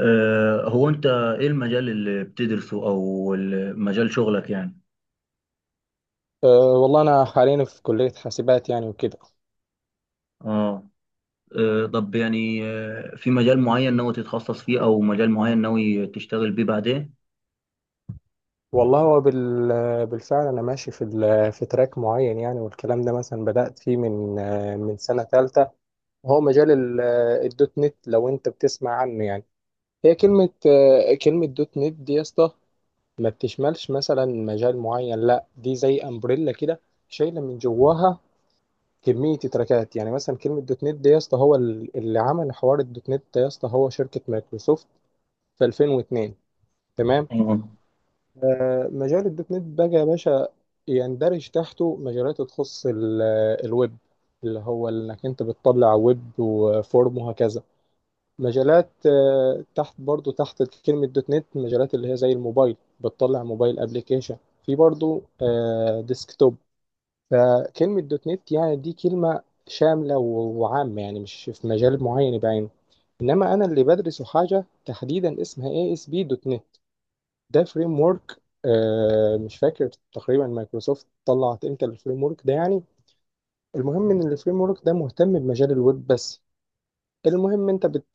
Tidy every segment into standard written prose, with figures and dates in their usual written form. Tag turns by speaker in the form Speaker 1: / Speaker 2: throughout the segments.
Speaker 1: هو انت ايه المجال اللي بتدرسه او مجال شغلك يعني؟
Speaker 2: أه والله أنا حاليا في كلية حاسبات يعني وكده.
Speaker 1: اه. طب يعني، في مجال معين ناوي تتخصص فيه او مجال معين ناوي تشتغل بيه بعدين؟
Speaker 2: والله هو بالفعل أنا ماشي في في تراك معين يعني، والكلام ده مثلا بدأت فيه من سنة تالتة، وهو مجال الدوت نت لو أنت بتسمع عنه يعني. هي كلمة دوت نت دي يا اسطى ما بتشملش مثلا مجال معين، لا دي زي أمبريلا كده، شايلة من جواها كمية تراكات. يعني مثلا كلمة دوت نت دي يا اسطى، هو اللي عمل حوار الدوت نت ده يا اسطى هو شركة مايكروسوفت في 2002. تمام.
Speaker 1: اه.
Speaker 2: مجال الدوت نت بقى يا باشا يندرج تحته مجالات تخص الويب، اللي هو انك انت بتطلع ويب وفورم وهكذا. مجالات تحت، برضو تحت كلمة دوت نت، مجالات اللي هي زي الموبايل، بتطلع موبايل ابليكيشن. في برضو ديسكتوب. فكلمة دوت نت يعني دي كلمة شاملة و- وعامة يعني، مش في مجال معين بعينه. انما انا اللي بدرسه حاجة تحديدا اسمها اي اس بي دوت نت. ده فريم ورك، مش فاكر تقريبا مايكروسوفت طلعت امتى الفريم ورك ده يعني. المهم ان الفريم ورك ده مهتم بمجال الويب بس. المهم، انت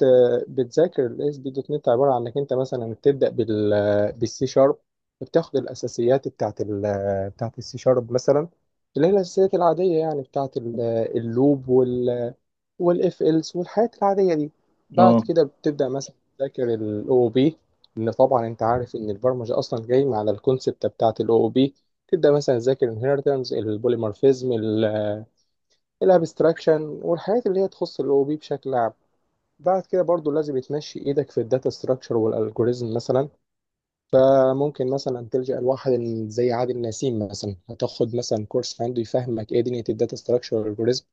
Speaker 2: بتذاكر الاس بي دوت نت، عباره عن انك انت مثلا بتبدا بالسي شارب، بتاخد الاساسيات بتاعت السي شارب مثلا، اللي هي الاساسيات العاديه يعني بتاعت اللوب وال والاف إلس والحاجات العادية دي. بعد
Speaker 1: اه.
Speaker 2: كده بتبدأ مثلا تذاكر الاو بي. ان طبعا انت عارف ان البرمجة اصلا جاي على الكونسبت بتاعت الاو بي. تبدأ مثلا تذاكر الانهيرتنس، البوليمورفيزم، الابستراكشن، والحاجات اللي هي تخص الاو بي بشكل عام. بعد كده برضو لازم تمشي ايدك في الداتا ستراكشر والالجوريزم مثلا. فممكن مثلا تلجأ لواحد زي عادل نسيم مثلا، هتاخد مثلا كورس عنده يفهمك ايه دنيا الداتا ستراكشر والالجوريزم.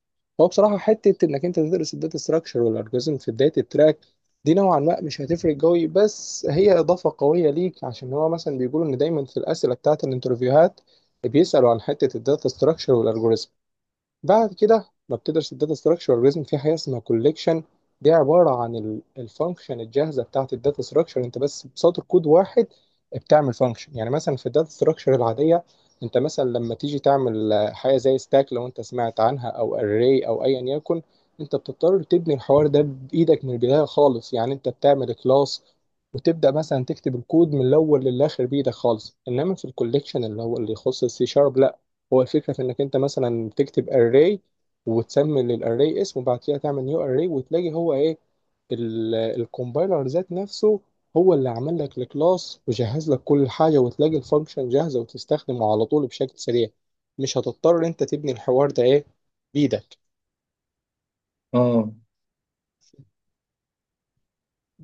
Speaker 2: هو بصراحه حته انك انت تدرس الداتا ستراكشر والالجوريزم في بدايه التراك دي نوعا ما مش هتفرق قوي، بس هي اضافه قويه ليك، عشان هو مثلا بيقولوا ان دايما في الاسئله بتاعت الانترفيوهات بيسالوا عن حته الداتا ستراكشر والالجوريزم. بعد كده ببتدرس الداتا ستراكشر اورجانيزم في حاجه اسمها كوليكشن. دي عباره عن الفانكشن الجاهزه بتاعت الداتا ستراكشر، انت بس بسطر كود واحد بتعمل فانكشن. يعني مثلا في الداتا ستراكشر العاديه، انت مثلا لما تيجي تعمل حاجه زي ستاك لو انت سمعت عنها، او اري، او ايا يكن، انت بتضطر تبني الحوار ده بايدك من البدايه خالص، يعني انت بتعمل كلاس وتبدا مثلا تكتب الكود من الاول للاخر بايدك خالص. انما في الكوليكشن اللي هو اللي يخص السي شارب، هو الفكرة في إنك أنت مثلا تكتب أري، وتسمي للأري اسم، وبعد كده تعمل نيو أري، وتلاقي هو إيه، الكومبايلر ذات نفسه هو اللي عمل لك الكلاس وجهز لك كل حاجة، وتلاقي الفانكشن جاهزة وتستخدمه على طول بشكل سريع. مش هتضطر أنت تبني الحوار ده إيه، بإيدك.
Speaker 1: اه.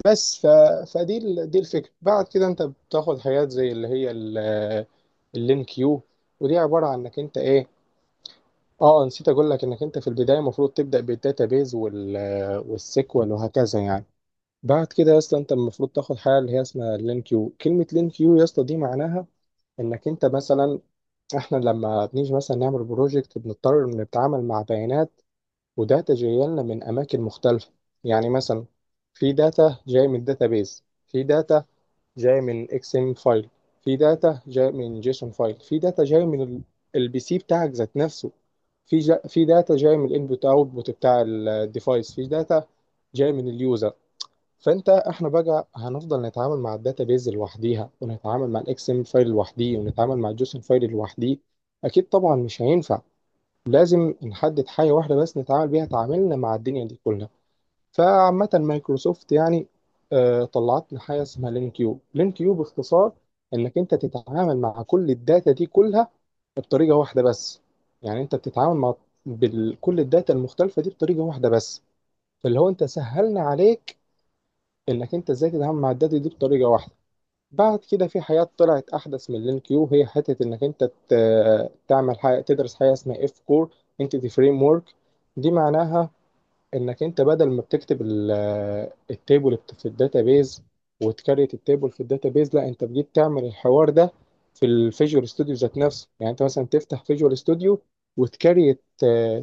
Speaker 2: بس ف... دي الفكرة. بعد كده أنت بتاخد حاجات زي اللي هي اللين كيو. ودي عبارة عن إنك أنت إيه. اه، نسيت اقول لك انك انت في البدايه المفروض تبدا بالداتابيز وال والسيكوال وهكذا يعني. بعد كده يا اسطى انت المفروض تاخد حاجه اللي هي اسمها لين كيو. كلمه لين كيو يا اسطى دي معناها انك انت مثلا احنا لما بنيجي مثلا نعمل بروجكت بنضطر إن نتعامل مع بيانات وداتا جايه لنا من اماكن مختلفه. يعني مثلا في داتا جايه من الداتابيز، في داتا جاي من اكس ام فايل، في داتا جاي من جيسون فايل، في داتا جاي من البي سي بتاعك ذات نفسه، في داتا جاي من الانبوت اوتبوت بتاع الديفايس، في داتا جاي من اليوزر. فانت، احنا بقى هنفضل نتعامل مع الداتا بيز لوحديها، ونتعامل مع الاكس ام فايل لوحديه، ونتعامل مع الجيسون فايل لوحديه؟ اكيد طبعا مش هينفع. لازم نحدد حاجه واحده بس نتعامل بيها تعاملنا مع الدنيا دي كلها. فعامة مايكروسوفت يعني طلعت لنا حاجة اسمها لين كيو. لين كيو باختصار انك انت تتعامل مع كل الداتا دي كلها بطريقة واحدة بس. يعني انت بتتعامل مع كل الداتا المختلفة دي بطريقة واحدة بس. فاللي هو انت سهلنا عليك انك انت ازاي تتعامل مع الداتا دي بطريقة واحدة. بعد كده في حاجات طلعت احدث من لين كيو، هي حتة انك انت تعمل حاجة، تدرس حاجة اسمها اف كور انتيتي فريم ورك. دي معناها انك انت بدل ما بتكتب التيبل في الداتابيز وتكريت التيبل في الداتابيز، لا انت بجيت تعمل الحوار ده في الفيجوال ستوديو ذات نفسه. يعني انت مثلا تفتح فيجوال ستوديو وتكريت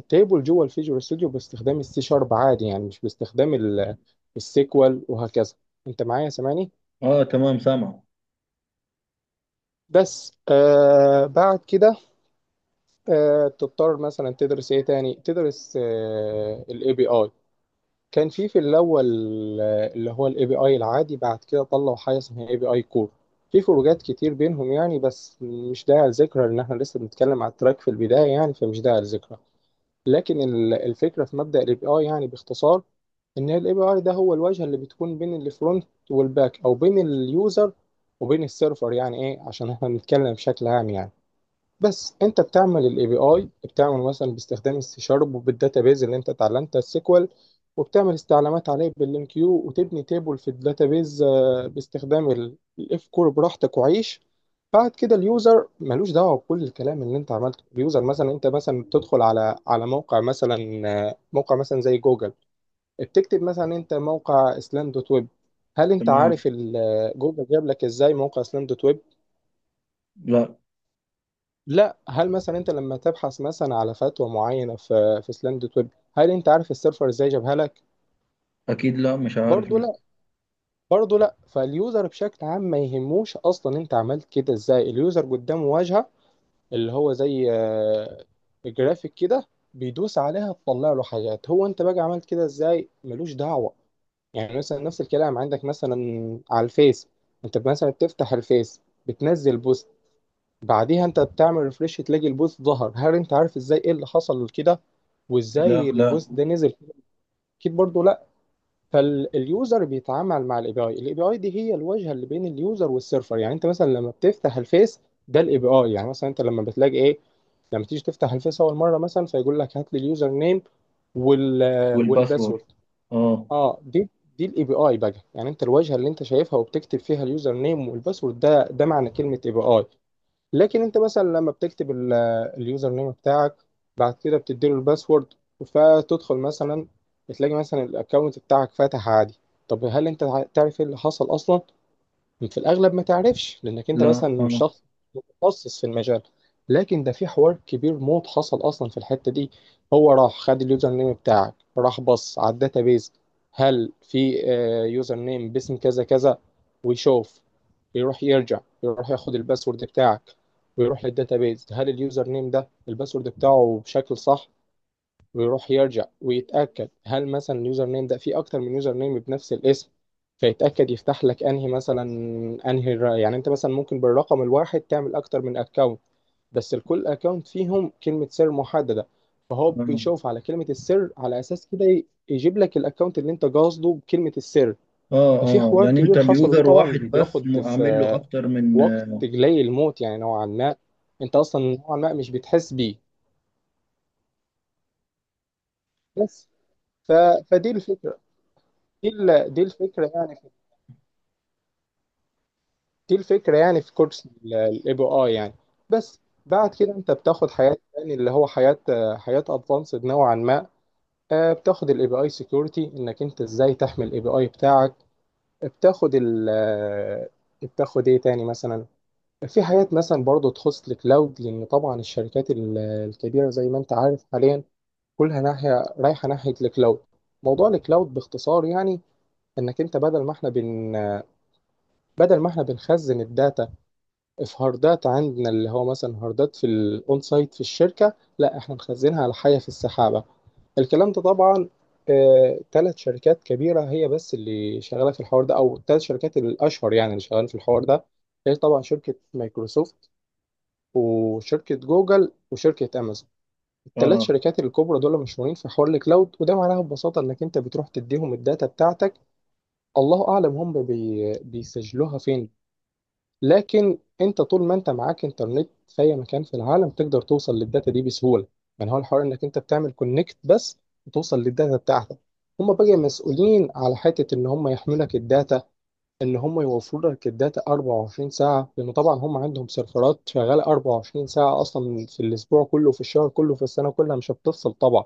Speaker 2: تيبل جوه الفيجوال ستوديو باستخدام السي شارب عادي، يعني مش باستخدام السيكوال وهكذا. انت معايا سامعني؟
Speaker 1: اه، تمام سامع.
Speaker 2: بس بعد كده تضطر مثلا تدرس ايه تاني، تدرس الاي بي اي. كان في الاول اللي هو الاي بي اي العادي، بعد كده طلعوا حاجه اسمها اي بي اي كور. في فروقات كتير بينهم يعني، بس مش داعي لذكرى، لان احنا لسه بنتكلم على التراك في البدايه يعني، فمش داعي لذكرى. لكن الفكره في مبدا الاي بي اي يعني باختصار ان الاي بي اي ده هو الواجهه اللي بتكون بين الفرونت والباك، او بين اليوزر وبين السيرفر، يعني ايه عشان احنا بنتكلم بشكل عام يعني. بس انت بتعمل الاي بي اي، بتعمل مثلا باستخدام السي شارب، وبالداتابيز اللي انت اتعلمتها السيكوال، وبتعمل استعلامات عليه باللينكيو، وتبني تيبل في الداتابيز باستخدام الاف كور براحتك وعيش. بعد كده اليوزر ملوش دعوه بكل الكلام اللي انت عملته. اليوزر مثلا، انت مثلا بتدخل على موقع مثلا موقع مثلا زي جوجل، بتكتب مثلا انت موقع اسلام دوت ويب. هل انت
Speaker 1: تمام.
Speaker 2: عارف جوجل جاب لك ازاي موقع اسلام دوت ويب؟
Speaker 1: لا.
Speaker 2: لا، هل مثلا انت لما تبحث مثلا على فتوى معينه في سلام دوت ويب، هل انت عارف السيرفر ازاي جابها لك؟
Speaker 1: اكيد لا، مش عارف،
Speaker 2: برضه
Speaker 1: لا.
Speaker 2: لا، برضه لا. فاليوزر بشكل عام ما يهموش اصلا انت عملت كده ازاي. اليوزر قدامه واجهه اللي هو زي جرافيك كده، بيدوس عليها تطلع له حاجات، هو انت بقى عملت كده ازاي ملوش دعوه. يعني مثلا نفس الكلام عندك مثلا على الفيس، انت مثلا بتفتح الفيس، بتنزل بوست، بعديها انت بتعمل ريفريش تلاقي البوز ظهر. هل انت عارف ازاي ايه اللي حصل كده
Speaker 1: لا.
Speaker 2: وازاي
Speaker 1: لا.
Speaker 2: البوز ده نزل؟ اكيد برضو لا. فاليوزر بيتعامل مع الاي بي اي. الاي بي اي دي هي الواجهه اللي بين اليوزر والسيرفر. يعني انت مثلا لما بتفتح الفيس ده الاي بي اي. يعني مثلا انت لما بتلاقي ايه، لما تيجي تفتح الفيس اول مره مثلا، فيقول لك هات لي اليوزر نيم وال
Speaker 1: والباسورد.
Speaker 2: والباسورد.
Speaker 1: اه.
Speaker 2: اه، دي الاي بي اي بقى، يعني انت الواجهه اللي انت شايفها وبتكتب فيها اليوزر نيم والباسورد، ده معنى كلمه اي بي اي. لكن انت مثلا لما بتكتب اليوزر نيم بتاعك، بعد كده بتديله الباسورد، فتدخل مثلا، بتلاقي مثلا الاكونت بتاعك فتح عادي. طب هل انت تعرف ايه اللي حصل اصلا؟ في الأغلب ما تعرفش لأنك أنت
Speaker 1: لا.
Speaker 2: مثلا مش
Speaker 1: اه.
Speaker 2: شخص متخصص في المجال. لكن ده في حوار كبير موت حصل أصلا في الحتة دي. هو راح خد اليوزر نيم بتاعك، راح بص على الداتابيز، هل في يوزر نيم باسم كذا كذا، ويشوف. يروح يرجع، يروح ياخد الباسورد بتاعك، ويروح للداتابيز، هل اليوزر نيم ده الباسورد بتاعه بشكل صح، ويروح يرجع ويتأكد، هل مثلا اليوزر نيم ده فيه أكتر من يوزر نيم بنفس الاسم، فيتأكد يفتح لك أنهي مثلا، يعني أنت مثلا ممكن بالرقم الواحد تعمل أكتر من أكونت، بس لكل أكونت فيهم كلمة سر محددة، فهو
Speaker 1: اه.
Speaker 2: بيشوف على كلمة السر على أساس كده، يجيب لك الأكونت اللي أنت قاصده بكلمة السر.
Speaker 1: اه.
Speaker 2: ففي
Speaker 1: اه،
Speaker 2: حوار
Speaker 1: يعني انت
Speaker 2: كبير حصل، وده
Speaker 1: اليوزر
Speaker 2: طبعا
Speaker 1: واحد بس،
Speaker 2: بياخد
Speaker 1: عامل له
Speaker 2: في
Speaker 1: اكتر من
Speaker 2: وقت
Speaker 1: اه
Speaker 2: جلي الموت يعني نوعا ما، أنت أصلا نوعا ما مش بتحس بيه بس. ف... فدي الفكرة. دي ال- دي الفكره يعني في دي الفكره يعني في كورس الاي بي اي يعني. بس بعد كده انت بتاخد حياه، يعني اللي هو حياه ادفانسد نوعا ما، بتاخد الاي بي اي سكيورتي، انك انت ازاي تحمي الاي بي اي بتاعك، بتاخد ال آه، بتاخد ايه تاني مثلا. في حاجات مثلا برضو تخص الكلاود، لان طبعا الشركات الكبيره زي ما انت عارف حاليا كلها رايحه ناحيه الكلاود. موضوع الكلاود باختصار يعني انك انت بدل ما احنا بنخزن الداتا في هاردات عندنا، اللي هو مثلا هاردات في الاون سايت في الشركه، لا احنا مخزنها على حاجه في السحابه. الكلام ده طبعا، ثلاث شركات كبيره هي بس اللي شغاله في الحوار ده، او الثلاث شركات الاشهر يعني اللي شغالين في الحوار ده، هي طبعا شركه مايكروسوفت وشركه جوجل وشركه امازون. الثلاث
Speaker 1: آه.
Speaker 2: شركات الكبرى دول مشهورين في حوار الكلاود. وده معناها ببساطه انك انت بتروح تديهم الداتا بتاعتك، الله اعلم هم بيسجلوها فين. لكن انت طول ما انت معاك انترنت في اي مكان في العالم تقدر توصل للداتا دي بسهوله. يعني هو الحوار انك انت بتعمل كونكت بس وتوصل للداتا بتاعتك. هم بقى مسؤولين على حته ان هم يحملوا لك الداتا، ان هم يوفروا لك الداتا 24 ساعه، لانه طبعا هم عندهم سيرفرات شغاله 24 ساعه اصلا، في الاسبوع كله، في الشهر كله، في السنه كلها، مش هتفصل طبعا.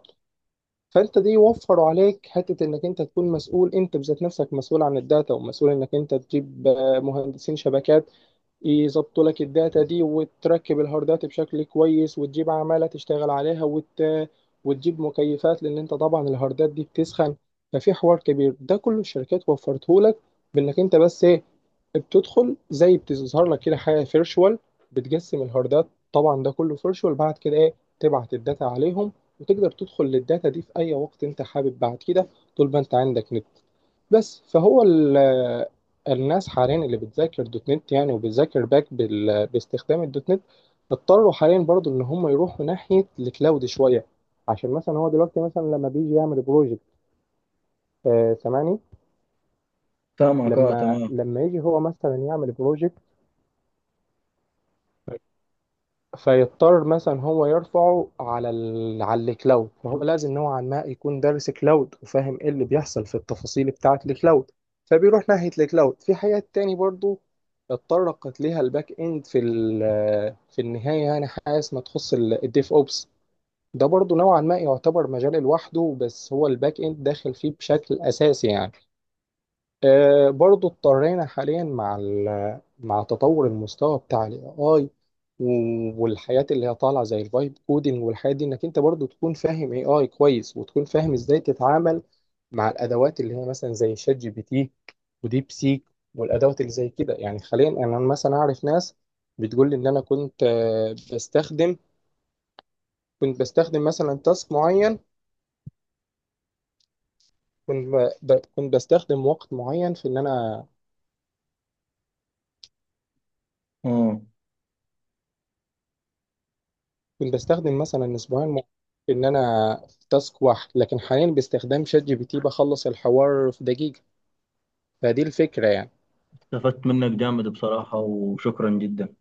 Speaker 2: فانت دي يوفروا عليك حته انك انت تكون مسؤول، انت بذات نفسك مسؤول عن الداتا، ومسؤول انك انت تجيب مهندسين شبكات يظبطوا لك الداتا دي، وتركب الهاردات بشكل كويس، وتجيب عمالة تشتغل عليها، وتجيب مكيفات لأن أنت طبعا الهاردات دي بتسخن. ففي حوار كبير ده كل الشركات وفرته لك، بإنك أنت بس إيه، بتدخل زي، بتظهر لك كده حاجة فيرشوال بتقسم الهاردات، طبعا ده كله فيرشوال، بعد كده إيه، تبعت الداتا عليهم، وتقدر تدخل للداتا دي في أي وقت أنت حابب بعد كده، طول ما أنت عندك نت بس. فهو ال الناس حاليا اللي بتذاكر دوت نت يعني، وبتذاكر باستخدام الدوت نت، اضطروا حاليا برضو ان هم يروحوا ناحية الكلاود شوية، عشان مثلا هو دلوقتي مثلا لما بيجي يعمل بروجكت، سامعني؟
Speaker 1: سامعك، اه
Speaker 2: لما
Speaker 1: تمام.
Speaker 2: لما يجي هو مثلا يعمل بروجكت، فيضطر مثلا هو يرفعه على على الكلاود، ما هو لازم نوعا ما يكون دارس كلاود وفاهم ايه اللي بيحصل في التفاصيل بتاعه الكلاود. فبيروح ناحيه الكلاود. في حاجات تاني برضو اتطرقت ليها الباك اند في في النهايه يعني، حاجه ما تخص الديف اوبس. ده برضو نوعا ما يعتبر مجال لوحده، بس هو الباك اند داخل فيه بشكل اساسي يعني. برضو اضطرينا حاليا مع مع تطور المستوى بتاع الاي اي والحياة اللي هي طالعة زي الفايب كودing والحياة دي، انك انت برضو تكون فاهم اي اي كويس، وتكون فاهم ازاي تتعامل مع الادوات اللي هي مثلا زي شات جي بي تي وديب سيك والادوات اللي زي كده يعني. حاليا انا مثلا اعرف ناس بتقول لي ان انا كنت بستخدم مثلا تاسك معين، كنت بستخدم وقت معين في ان انا
Speaker 1: اه،
Speaker 2: كنت بستخدم مثلا اسبوعين مع- ان انا في تاسك واحد، لكن حاليا باستخدام شات جي بي تي بخلص الحوار في دقيقة. فدي الفكرة يعني.
Speaker 1: استفدت منك جامد بصراحة وشكرا جدا.